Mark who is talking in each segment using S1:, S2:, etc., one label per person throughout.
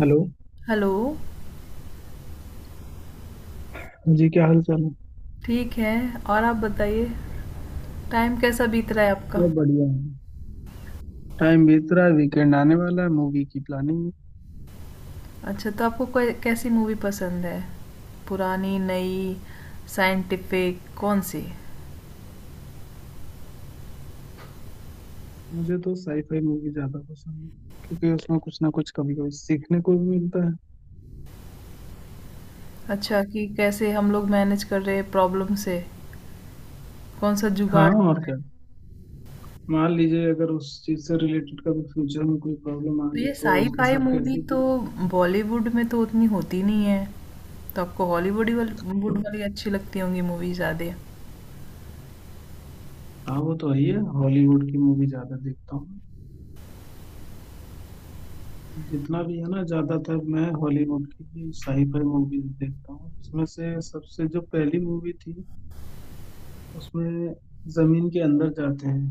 S1: Hello.
S2: Hello.
S1: हाँ जी, क्या हाल चाल है।
S2: ठीक है। और आप बताइए, टाइम कैसा बीत रहा है आपका?
S1: सब बढ़िया है। टाइम बीत रहा है, वीकेंड आने वाला है, मूवी की प्लानिंग है।
S2: अच्छा, तो आपको कै कैसी मूवी पसंद है? पुरानी, नई, साइंटिफिक कौन-सी?
S1: मुझे तो साईफाई मूवी ज्यादा पसंद है, क्योंकि उसमें कुछ ना कुछ कभी कभी सीखने को भी मिलता है।
S2: अच्छा, कि कैसे हम लोग मैनेज कर रहे हैं प्रॉब्लम से, कौन-सा जुगाड़
S1: हाँ और
S2: है?
S1: क्या, मान लीजिए अगर उस चीज से रिलेटेड कभी फ्यूचर में कोई प्रॉब्लम आ
S2: तो ये
S1: गई तो उसके
S2: साइ-फाई
S1: साथ
S2: मूवी
S1: कैसे
S2: तो बॉलीवुड में तो उतनी होती नहीं है, तो आपको हॉलीवुड ही वाल वुड वाली अच्छी लगती होंगी मूवी ज़्यादा।
S1: हाँ वो तो है ही है, हॉलीवुड की मूवी ज्यादा देखता हूँ। जितना भी है ना, ज्यादातर मैं हॉलीवुड की ही साईफाई मूवीज देखता हूँ। उसमें से सबसे जो पहली मूवी थी, उसमें जमीन के अंदर जाते हैं।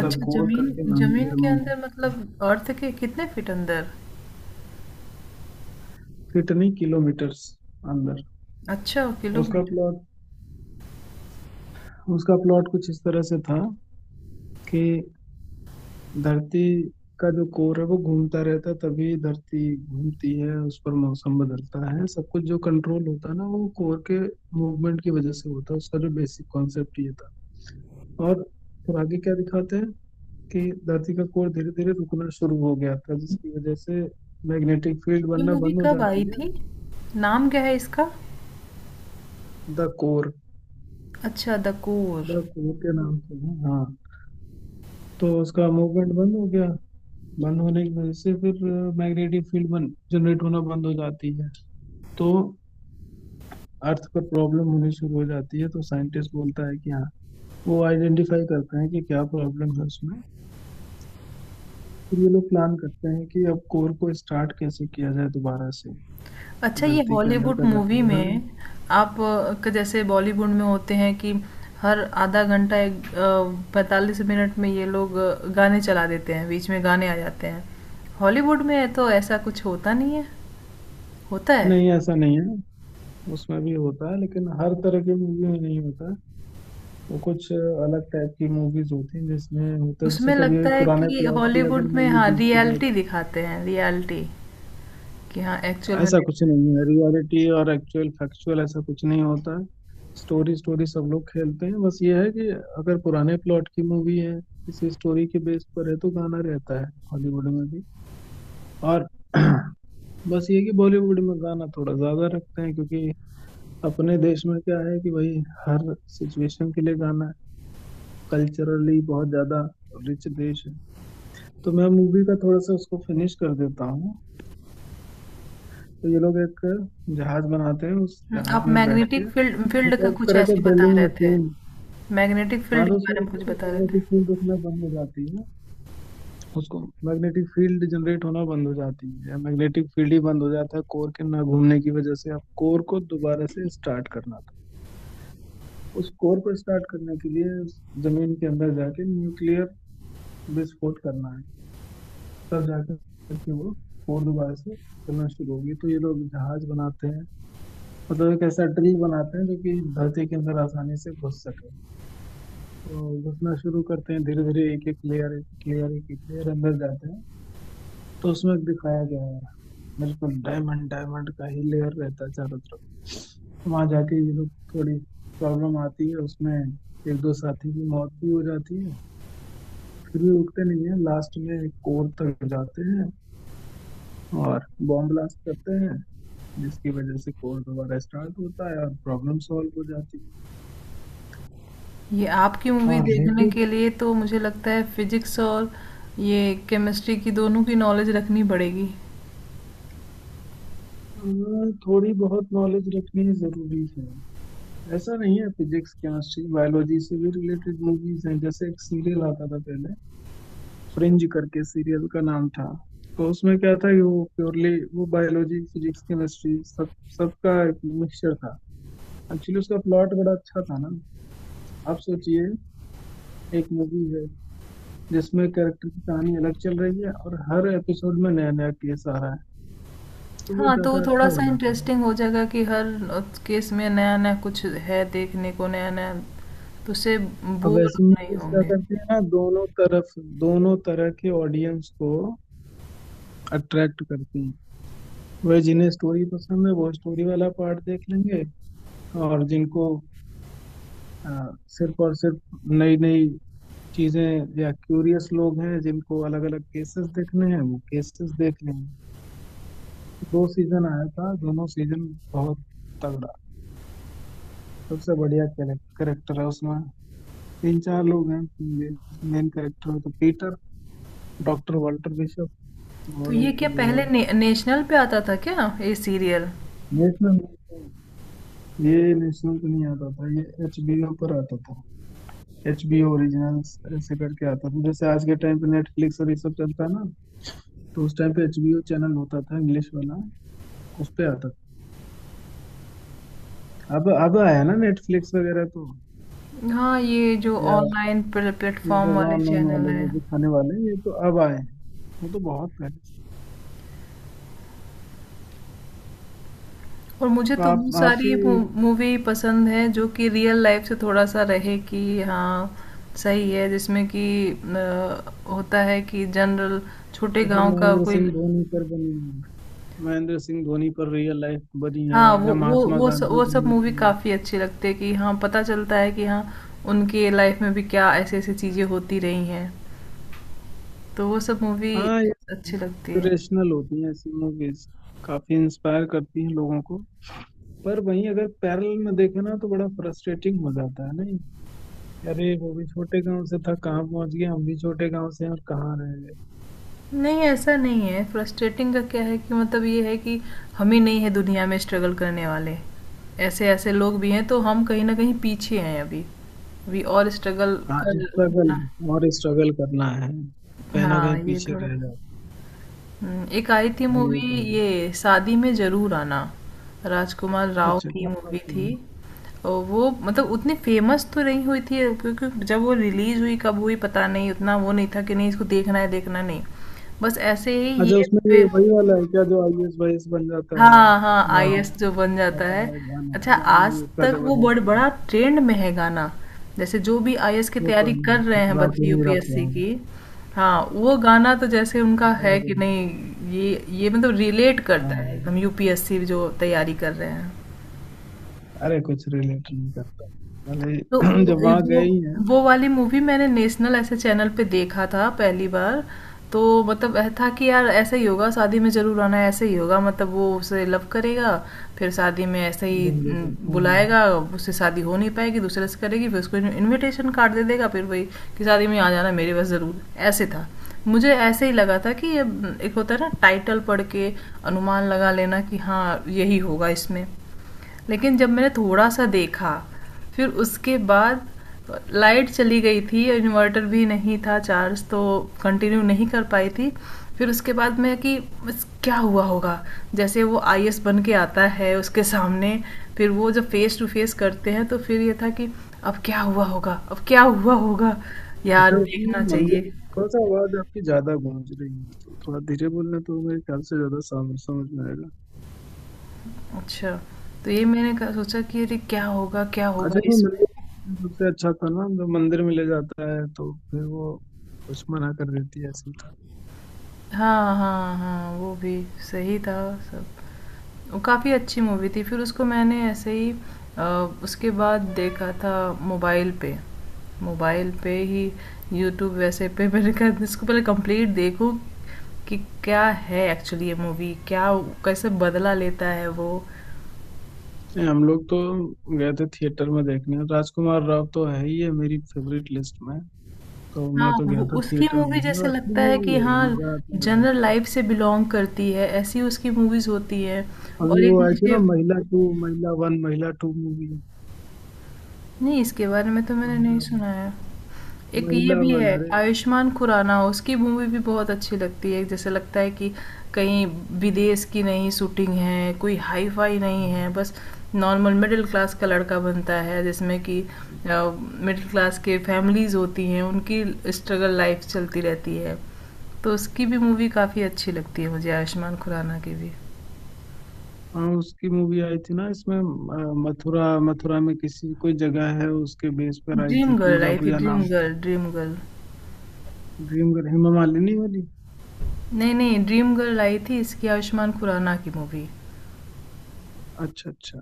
S1: द
S2: अच्छा,
S1: कोर करके
S2: ज़मीन
S1: नाम
S2: ज़मीन
S1: है
S2: के
S1: मूवी।
S2: अंदर मतलब अर्थ के कितने फीट अंदर?
S1: कितनी किलोमीटर्स अंदर।
S2: अच्छा,
S1: उसका
S2: किलोमीटर।
S1: प्लॉट उसका प्लॉट कुछ इस तरह से था कि धरती का जो कोर है वो घूमता रहता है, तभी धरती घूमती है, उस पर मौसम बदलता है, सब कुछ जो कंट्रोल होता है ना वो कोर के मूवमेंट की वजह से होता है। उसका जो बेसिक कॉन्सेप्ट ये था। और फिर आगे क्या दिखाते हैं कि धरती का कोर धीरे धीरे रुकना शुरू हो गया था, जिसकी वजह से मैग्नेटिक फील्ड
S2: ये
S1: बनना
S2: मूवी
S1: बंद हो
S2: कब
S1: जाती
S2: आई
S1: है।
S2: थी? नाम क्या है इसका?
S1: द कोर
S2: अच्छा, द कोर।
S1: द कोर के नाम से है, हाँ। तो उसका मूवमेंट बंद हो गया। बंद होने की वजह से फिर मैग्नेटिक फील्ड बन जनरेट होना बंद हो जाती है। तो अर्थ पर प्रॉब्लम होनी शुरू हो जाती है, तो साइंटिस्ट बोलता है कि हाँ, वो आइडेंटिफाई करते हैं कि क्या प्रॉब्लम है उसमें। फिर ये लोग प्लान करते हैं कि अब कोर को स्टार्ट कैसे किया जाए दोबारा से।
S2: अच्छा, ये
S1: धरती के अंदर
S2: हॉलीवुड
S1: का जो
S2: मूवी
S1: कोर है वो,
S2: में आप जैसे बॉलीवुड में होते हैं कि हर आधा घंटा एक पैंतालीस मिनट में ये लोग गाने चला देते हैं, बीच में गाने आ जाते हैं। हॉलीवुड में तो ऐसा कुछ होता नहीं है, होता है?
S1: नहीं ऐसा नहीं है, उसमें भी होता है लेकिन हर तरह की मूवी में नहीं होता है। वो कुछ अलग टाइप की मूवीज होती हैं जिसमें होता है, जैसे
S2: उसमें
S1: कभी
S2: लगता है
S1: पुराने
S2: कि
S1: प्लॉट भी अगर
S2: हॉलीवुड में
S1: मूवी
S2: हाँ
S1: देखी जाए
S2: रियलिटी
S1: तो।
S2: दिखाते हैं, रियलिटी कि हाँ एक्चुअल में।
S1: ऐसा कुछ नहीं है, रियलिटी और एक्चुअल फैक्चुअल ऐसा कुछ नहीं होता है। स्टोरी स्टोरी सब लोग खेलते हैं, बस ये है कि अगर पुराने प्लॉट की मूवी है किसी स्टोरी के बेस पर है तो गाना रहता है हॉलीवुड में भी। और बस ये कि बॉलीवुड में गाना थोड़ा ज्यादा रखते हैं, क्योंकि अपने देश में क्या है कि भाई हर सिचुएशन के लिए गाना है। कल्चरली बहुत ज्यादा रिच देश है। तो मैं मूवी का थोड़ा सा उसको फिनिश कर देता हूँ। तो ये लोग एक जहाज बनाते हैं, उस
S2: आप
S1: जहाज में बैठ के,
S2: मैग्नेटिक फील्ड फील्ड का
S1: मतलब एक
S2: कुछ
S1: तरह का
S2: ऐसे बता
S1: ड्रिलिंग
S2: रहे थे।
S1: मशीन।
S2: मैग्नेटिक
S1: हाँ
S2: फील्ड के
S1: तो उसमें
S2: बारे में
S1: इतना
S2: कुछ
S1: कि
S2: बता रहे थे।
S1: मैग्नेटिक फील्ड उसमें बंद हो जाती है। उसको मैग्नेटिक फील्ड जनरेट होना बंद हो जाती है, या मैग्नेटिक फील्ड ही बंद हो जाता है कोर के ना घूमने की वजह से। अब कोर को दोबारा से स्टार्ट करना था। उस कोर को स्टार्ट करने के लिए उस जमीन के अंदर जाके न्यूक्लियर विस्फोट करना है, तब जा कर के वो और दोबारा से चलना शुरू होगी। तो ये लोग जहाज बनाते हैं, मतलब एक ऐसा ड्रिल बनाते हैं जो कि धरती के अंदर आसानी से घुस सके। तो घुसना शुरू करते हैं धीरे धीरे, एक एक लेयर एक एक लेयर एक एक लेयर अंदर जाते हैं। तो उसमें दिखाया गया है बिल्कुल डायमंड डायमंड का ही लेयर रहता है चारों तरफ। वहां जाके ये लोग, थोड़ी प्रॉब्लम आती है उसमें, एक दो साथी की मौत भी हो जाती है, फिर भी रुकते नहीं है, लास्ट में एक और तक जाते हैं और बॉम्ब ब्लास्ट करते हैं, जिसकी वजह से कोड दोबारा स्टार्ट होता है और प्रॉब्लम सॉल्व हो जाती
S2: ये आपकी
S1: है।
S2: मूवी
S1: और हाँ
S2: देखने के
S1: लेकिन,
S2: लिए तो मुझे लगता है फिजिक्स और ये केमिस्ट्री की दोनों की नॉलेज रखनी पड़ेगी।
S1: अ, थोड़ी बहुत नॉलेज रखनी जरूरी है। ऐसा नहीं है, फिजिक्स केमिस्ट्री बायोलॉजी से भी रिलेटेड मूवीज हैं। जैसे एक सीरियल आता था पहले, फ्रिंज करके सीरियल का नाम था। तो उसमें क्या था कि वो प्योरली वो बायोलॉजी फिजिक्स केमिस्ट्री सब सबका एक मिक्सचर था। एक्चुअली उसका प्लॉट बड़ा अच्छा था ना। आप सोचिए, एक मूवी है जिसमें कैरेक्टर की कहानी अलग चल रही है और हर एपिसोड में नया नया केस आ रहा है, तो वो
S2: हाँ, तो
S1: ज्यादा अच्छा हो
S2: थोड़ा-सा
S1: जाता है।
S2: इंटरेस्टिंग हो जाएगा कि हर केस में नया-नया कुछ है देखने को, नया-नया, तो उससे
S1: अब
S2: बोर
S1: ऐसी
S2: नहीं
S1: मूवीज क्या
S2: होंगे।
S1: करती है ना, दोनों तरफ, दोनों तरह के ऑडियंस को अट्रैक्ट करती हैं। वह जिन्हें स्टोरी पसंद है वो स्टोरी वाला पार्ट देख लेंगे, और जिनको अ, सिर्फ और सिर्फ नई नई चीजें, या क्यूरियस लोग हैं जिनको अलग अलग केसेस देखने हैं वो केसेस देख लेंगे। दो सीजन आया था, दोनों सीजन बहुत तगड़ा। सबसे बढ़िया कैरेक्टर है उसमें, तीन चार लोग हैं मेन कैरेक्टर में, तो पीटर, डॉक्टर वाल्टर बिशप,
S2: तो
S1: और
S2: ये
S1: एक
S2: क्या
S1: वो
S2: पहले
S1: है।
S2: ने नेशनल पे आता था क्या ये सीरियल?
S1: नेशनल, ये नेशनल पे नहीं आता था, ये एचबीओ पर आता था। एचबीओ ओरिजिनल्स ऐसे करके आता था। जैसे आज के टाइम पे नेटफ्लिक्स और ये सब चलता है ना, तो उस टाइम पे एचबीओ चैनल होता था इंग्लिश वाला, उस पे आता था। अब आया ना नेटफ्लिक्स वगैरह तो।
S2: हाँ, ये जो
S1: या
S2: ऑनलाइन
S1: ये
S2: प्लेटफ़ॉर्म
S1: सब
S2: वाले
S1: ऑनलाइन
S2: चैनल
S1: वाले
S2: हैं।
S1: जो दिखाने वाले हैं, ये तो अब आए हैं, वो तो बहुत पहले से।
S2: और मुझे
S1: तो
S2: तो
S1: आप
S2: वो
S1: आपकी,
S2: सारी मूवी पसंद है जो कि रियल लाइफ से थोड़ा सा रहे कि हाँ सही है, जिसमें कि होता है कि जनरल छोटे
S1: जैसे
S2: गांव का
S1: महेंद्र
S2: कोई।
S1: सिंह धोनी पर बनी है, महेंद्र सिंह धोनी पर रियल लाइफ बनी है,
S2: हाँ,
S1: या महात्मा गांधी
S2: वो सब
S1: बनी
S2: मूवी
S1: थी।
S2: काफी अच्छी लगती है कि हाँ पता चलता है कि हाँ उनके लाइफ में भी क्या ऐसे ऐसी चीजें होती रही हैं, तो वो सब मूवी
S1: हाँ
S2: अच्छी लगती है।
S1: इंस्पिरेशनल होती हैं ऐसी मूवीज, काफी इंस्पायर करती हैं लोगों को। पर वहीं अगर पैरेलल में देखे ना तो बड़ा फ्रस्ट्रेटिंग हो जाता है, नहीं, अरे वो भी छोटे गांव से था कहाँ पहुंच गया, हम भी छोटे गांव से हैं और कहाँ रह गए।
S2: नहीं, ऐसा नहीं है, फ्रस्ट्रेटिंग का क्या है कि मतलब ये है कि हम ही नहीं है दुनिया में स्ट्रगल करने वाले। ऐसे-ऐसे लोग भी हैं, तो हम कहीं न कहीं पीछे हैं अभी। वी और स्ट्रगल
S1: हाँ,
S2: कर।
S1: स्ट्रगल और स्ट्रगल करना है, कहीं ना
S2: हाँ,
S1: कहीं
S2: ये
S1: पीछे
S2: थोड़ा
S1: रह जाओ।
S2: एक आई थी
S1: हाँ ये
S2: मूवी,
S1: तो है।
S2: ये शादी में ज़रूर आना, राजकुमार राव
S1: अच्छा
S2: की
S1: क्या
S2: मूवी
S1: बात है।
S2: थी। और वो मतलब उतनी फेमस तो नहीं हुई थी, क्योंकि जब वो रिलीज़ हुई, कब हुई पता नहीं, उतना वो नहीं था कि नहीं इसको देखना है, नहीं। बस ऐसे ही
S1: अच्छा
S2: ये
S1: उसमें ये
S2: फिर।
S1: वही वाला है क्या जो आईएएस वाईएएस बन जाता है
S2: हाँ, हाँ,
S1: बाद में।
S2: आईएएस जो बन जाता है।
S1: होता है, गाना
S2: अच्छा,
S1: गाना
S2: आज
S1: भी उसका
S2: तक वो
S1: जबरदस्त है।
S2: बड़ा ट्रेंड में है गाना। जैसे जो भी आईएएस की
S1: वो तो
S2: तैयारी कर
S1: है,
S2: रहे हैं
S1: ठुकरा
S2: बच्चे
S1: के मेरा
S2: यूपीएससी
S1: प्यार।
S2: की। हाँ, वो गाना तो जैसे उनका
S1: ठुकरा
S2: है
S1: के
S2: कि नहीं,
S1: मेरा-।
S2: ये मतलब रिलेट करता है
S1: हाँ,
S2: एकदम, यूपीएससी जो तैयारी कर रहे हैं।
S1: अरे कुछ रिलेट नहीं करता।
S2: तो
S1: भले जब
S2: वो
S1: वहाँ
S2: वो
S1: गए ही हैं
S2: वो वाली मूवी मैंने नेशनल ऐसे चैनल पे देखा था पहली बार। तो मतलब ऐसा था कि यार ऐसे ही होगा शादी में जरूर आना ऐसे ही होगा, मतलब वो उसे लव करेगा, फिर शादी में ऐसे ही
S1: घूमने तो
S2: न,
S1: हाँ।
S2: बुलाएगा, उससे शादी हो नहीं पाएगी, दूसरे से करेगी, फिर उसको इनविटेशन कार्ड दे देगा, फिर वही कि शादी में आ जाना मेरे पास जरूर। ऐसे था, मुझे ऐसे ही लगा था कि ये एक होता है ना टाइटल पढ़ के अनुमान लगा लेना कि हाँ यही होगा इसमें। लेकिन जब मैंने थोड़ा सा देखा, फिर उसके बाद लाइट चली गई थी, इन्वर्टर भी नहीं था चार्ज, तो कंटिन्यू नहीं कर पाई थी। फिर उसके बाद मैं कि बस क्या हुआ होगा, जैसे वो आई बन के आता है उसके सामने, फिर वो जब फेस टू फेस करते हैं, तो फिर ये था कि अब क्या हुआ होगा, यार
S1: अच्छा
S2: देखना
S1: उसमें मंदिर,
S2: चाहिए।
S1: थोड़ा सा आवाज आपकी ज्यादा गूंज रही है तो थोड़ा धीरे बोलना तो मेरे ख्याल से ज्यादा समझ समझ में आएगा।
S2: अच्छा, तो ये मैंने सोचा कि अरे क्या होगा
S1: अच्छा वो मंदिर
S2: इसमें।
S1: सबसे अच्छा था ना, जो मंदिर में ले जाता है तो फिर वो कुछ मना कर देती है, ऐसी था।
S2: हाँ, हाँ, हाँ, वो भी सही था सब, काफ़ी अच्छी मूवी थी। फिर उसको मैंने ऐसे ही अ, उसके बाद देखा था मोबाइल पे, मोबाइल पे ही यूट्यूब वैसे पे, मैंने कहा इसको पहले कंप्लीट देखूं कि क्या है एक्चुअली ये मूवी, क्या, कैसे बदला लेता है वो।
S1: नहीं, हम लोग तो गए थे थिएटर में देखने, राजकुमार राव तो है ही है मेरी फेवरेट लिस्ट में, तो
S2: हाँ
S1: मैं तो गया
S2: वो
S1: था
S2: उसकी
S1: थिएटर में
S2: मूवी
S1: देखने,
S2: जैसे
S1: और अच्छी
S2: लगता है
S1: मूवी
S2: कि
S1: है,
S2: हाँ
S1: मजा आता है देख
S2: जनरल
S1: के।
S2: लाइफ से बिलोंग करती है, ऐसी उसकी मूवीज होती है। और
S1: अभी वो
S2: एक
S1: आई थी
S2: मुझे,
S1: ना, महिला टू, महिला वन, महिला टू मूवी।
S2: नहीं इसके बारे में तो मैंने नहीं
S1: महिला
S2: सुना है। एक ये
S1: महिला
S2: भी
S1: वन,
S2: है
S1: अरे
S2: आयुष्मान खुराना, उसकी मूवी भी बहुत अच्छी लगती है, जैसे लगता है कि कहीं विदेश की नहीं शूटिंग है, कोई हाई फाई नहीं है, बस नॉर्मल मिडिल क्लास का लड़का बनता है, जिसमें कि मिडिल क्लास के फैमिलीज होती हैं, उनकी स्ट्रगल लाइफ चलती रहती है, तो उसकी भी मूवी काफ़ी अच्छी लगती है मुझे, आयुष्मान खुराना की भी।
S1: हाँ उसकी मूवी आई थी ना इसमें, मथुरा मथुरा में किसी कोई जगह है, उसके बेस पर आई थी, पूजा पूजा नाम।
S2: Dream girl.
S1: ड्रीम कर, हेमा मालिनी वाली।
S2: नहीं नहीं, ड्रीम गर्ल आई थी इसकी, आयुष्मान खुराना की मूवी।
S1: अच्छा अच्छा।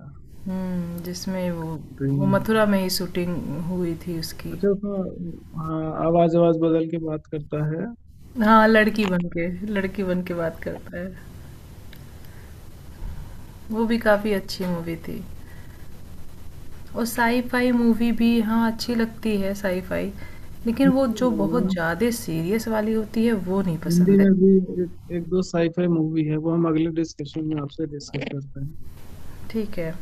S2: हम्म, जिसमें वो
S1: ड्रीम,
S2: मथुरा में ही शूटिंग हुई थी उसकी।
S1: अच्छा उसमें हाँ आवाज आवाज बदल के बात करता है।
S2: हाँ, लड़की बन के बात करता है। वो भी काफ़ी अच्छी मूवी थी। और साई फाई मूवी भी हाँ अच्छी लगती है, साई फाई, लेकिन वो
S1: हिंदी
S2: जो
S1: में ना,
S2: बहुत ज़्यादा सीरियस वाली होती है वो नहीं
S1: हिंदी
S2: पसंद है।
S1: में भी एक, एक दो साईफाई मूवी है, वो हम अगले डिस्कशन में आपसे डिस्कस करते हैं।
S2: ठीक है।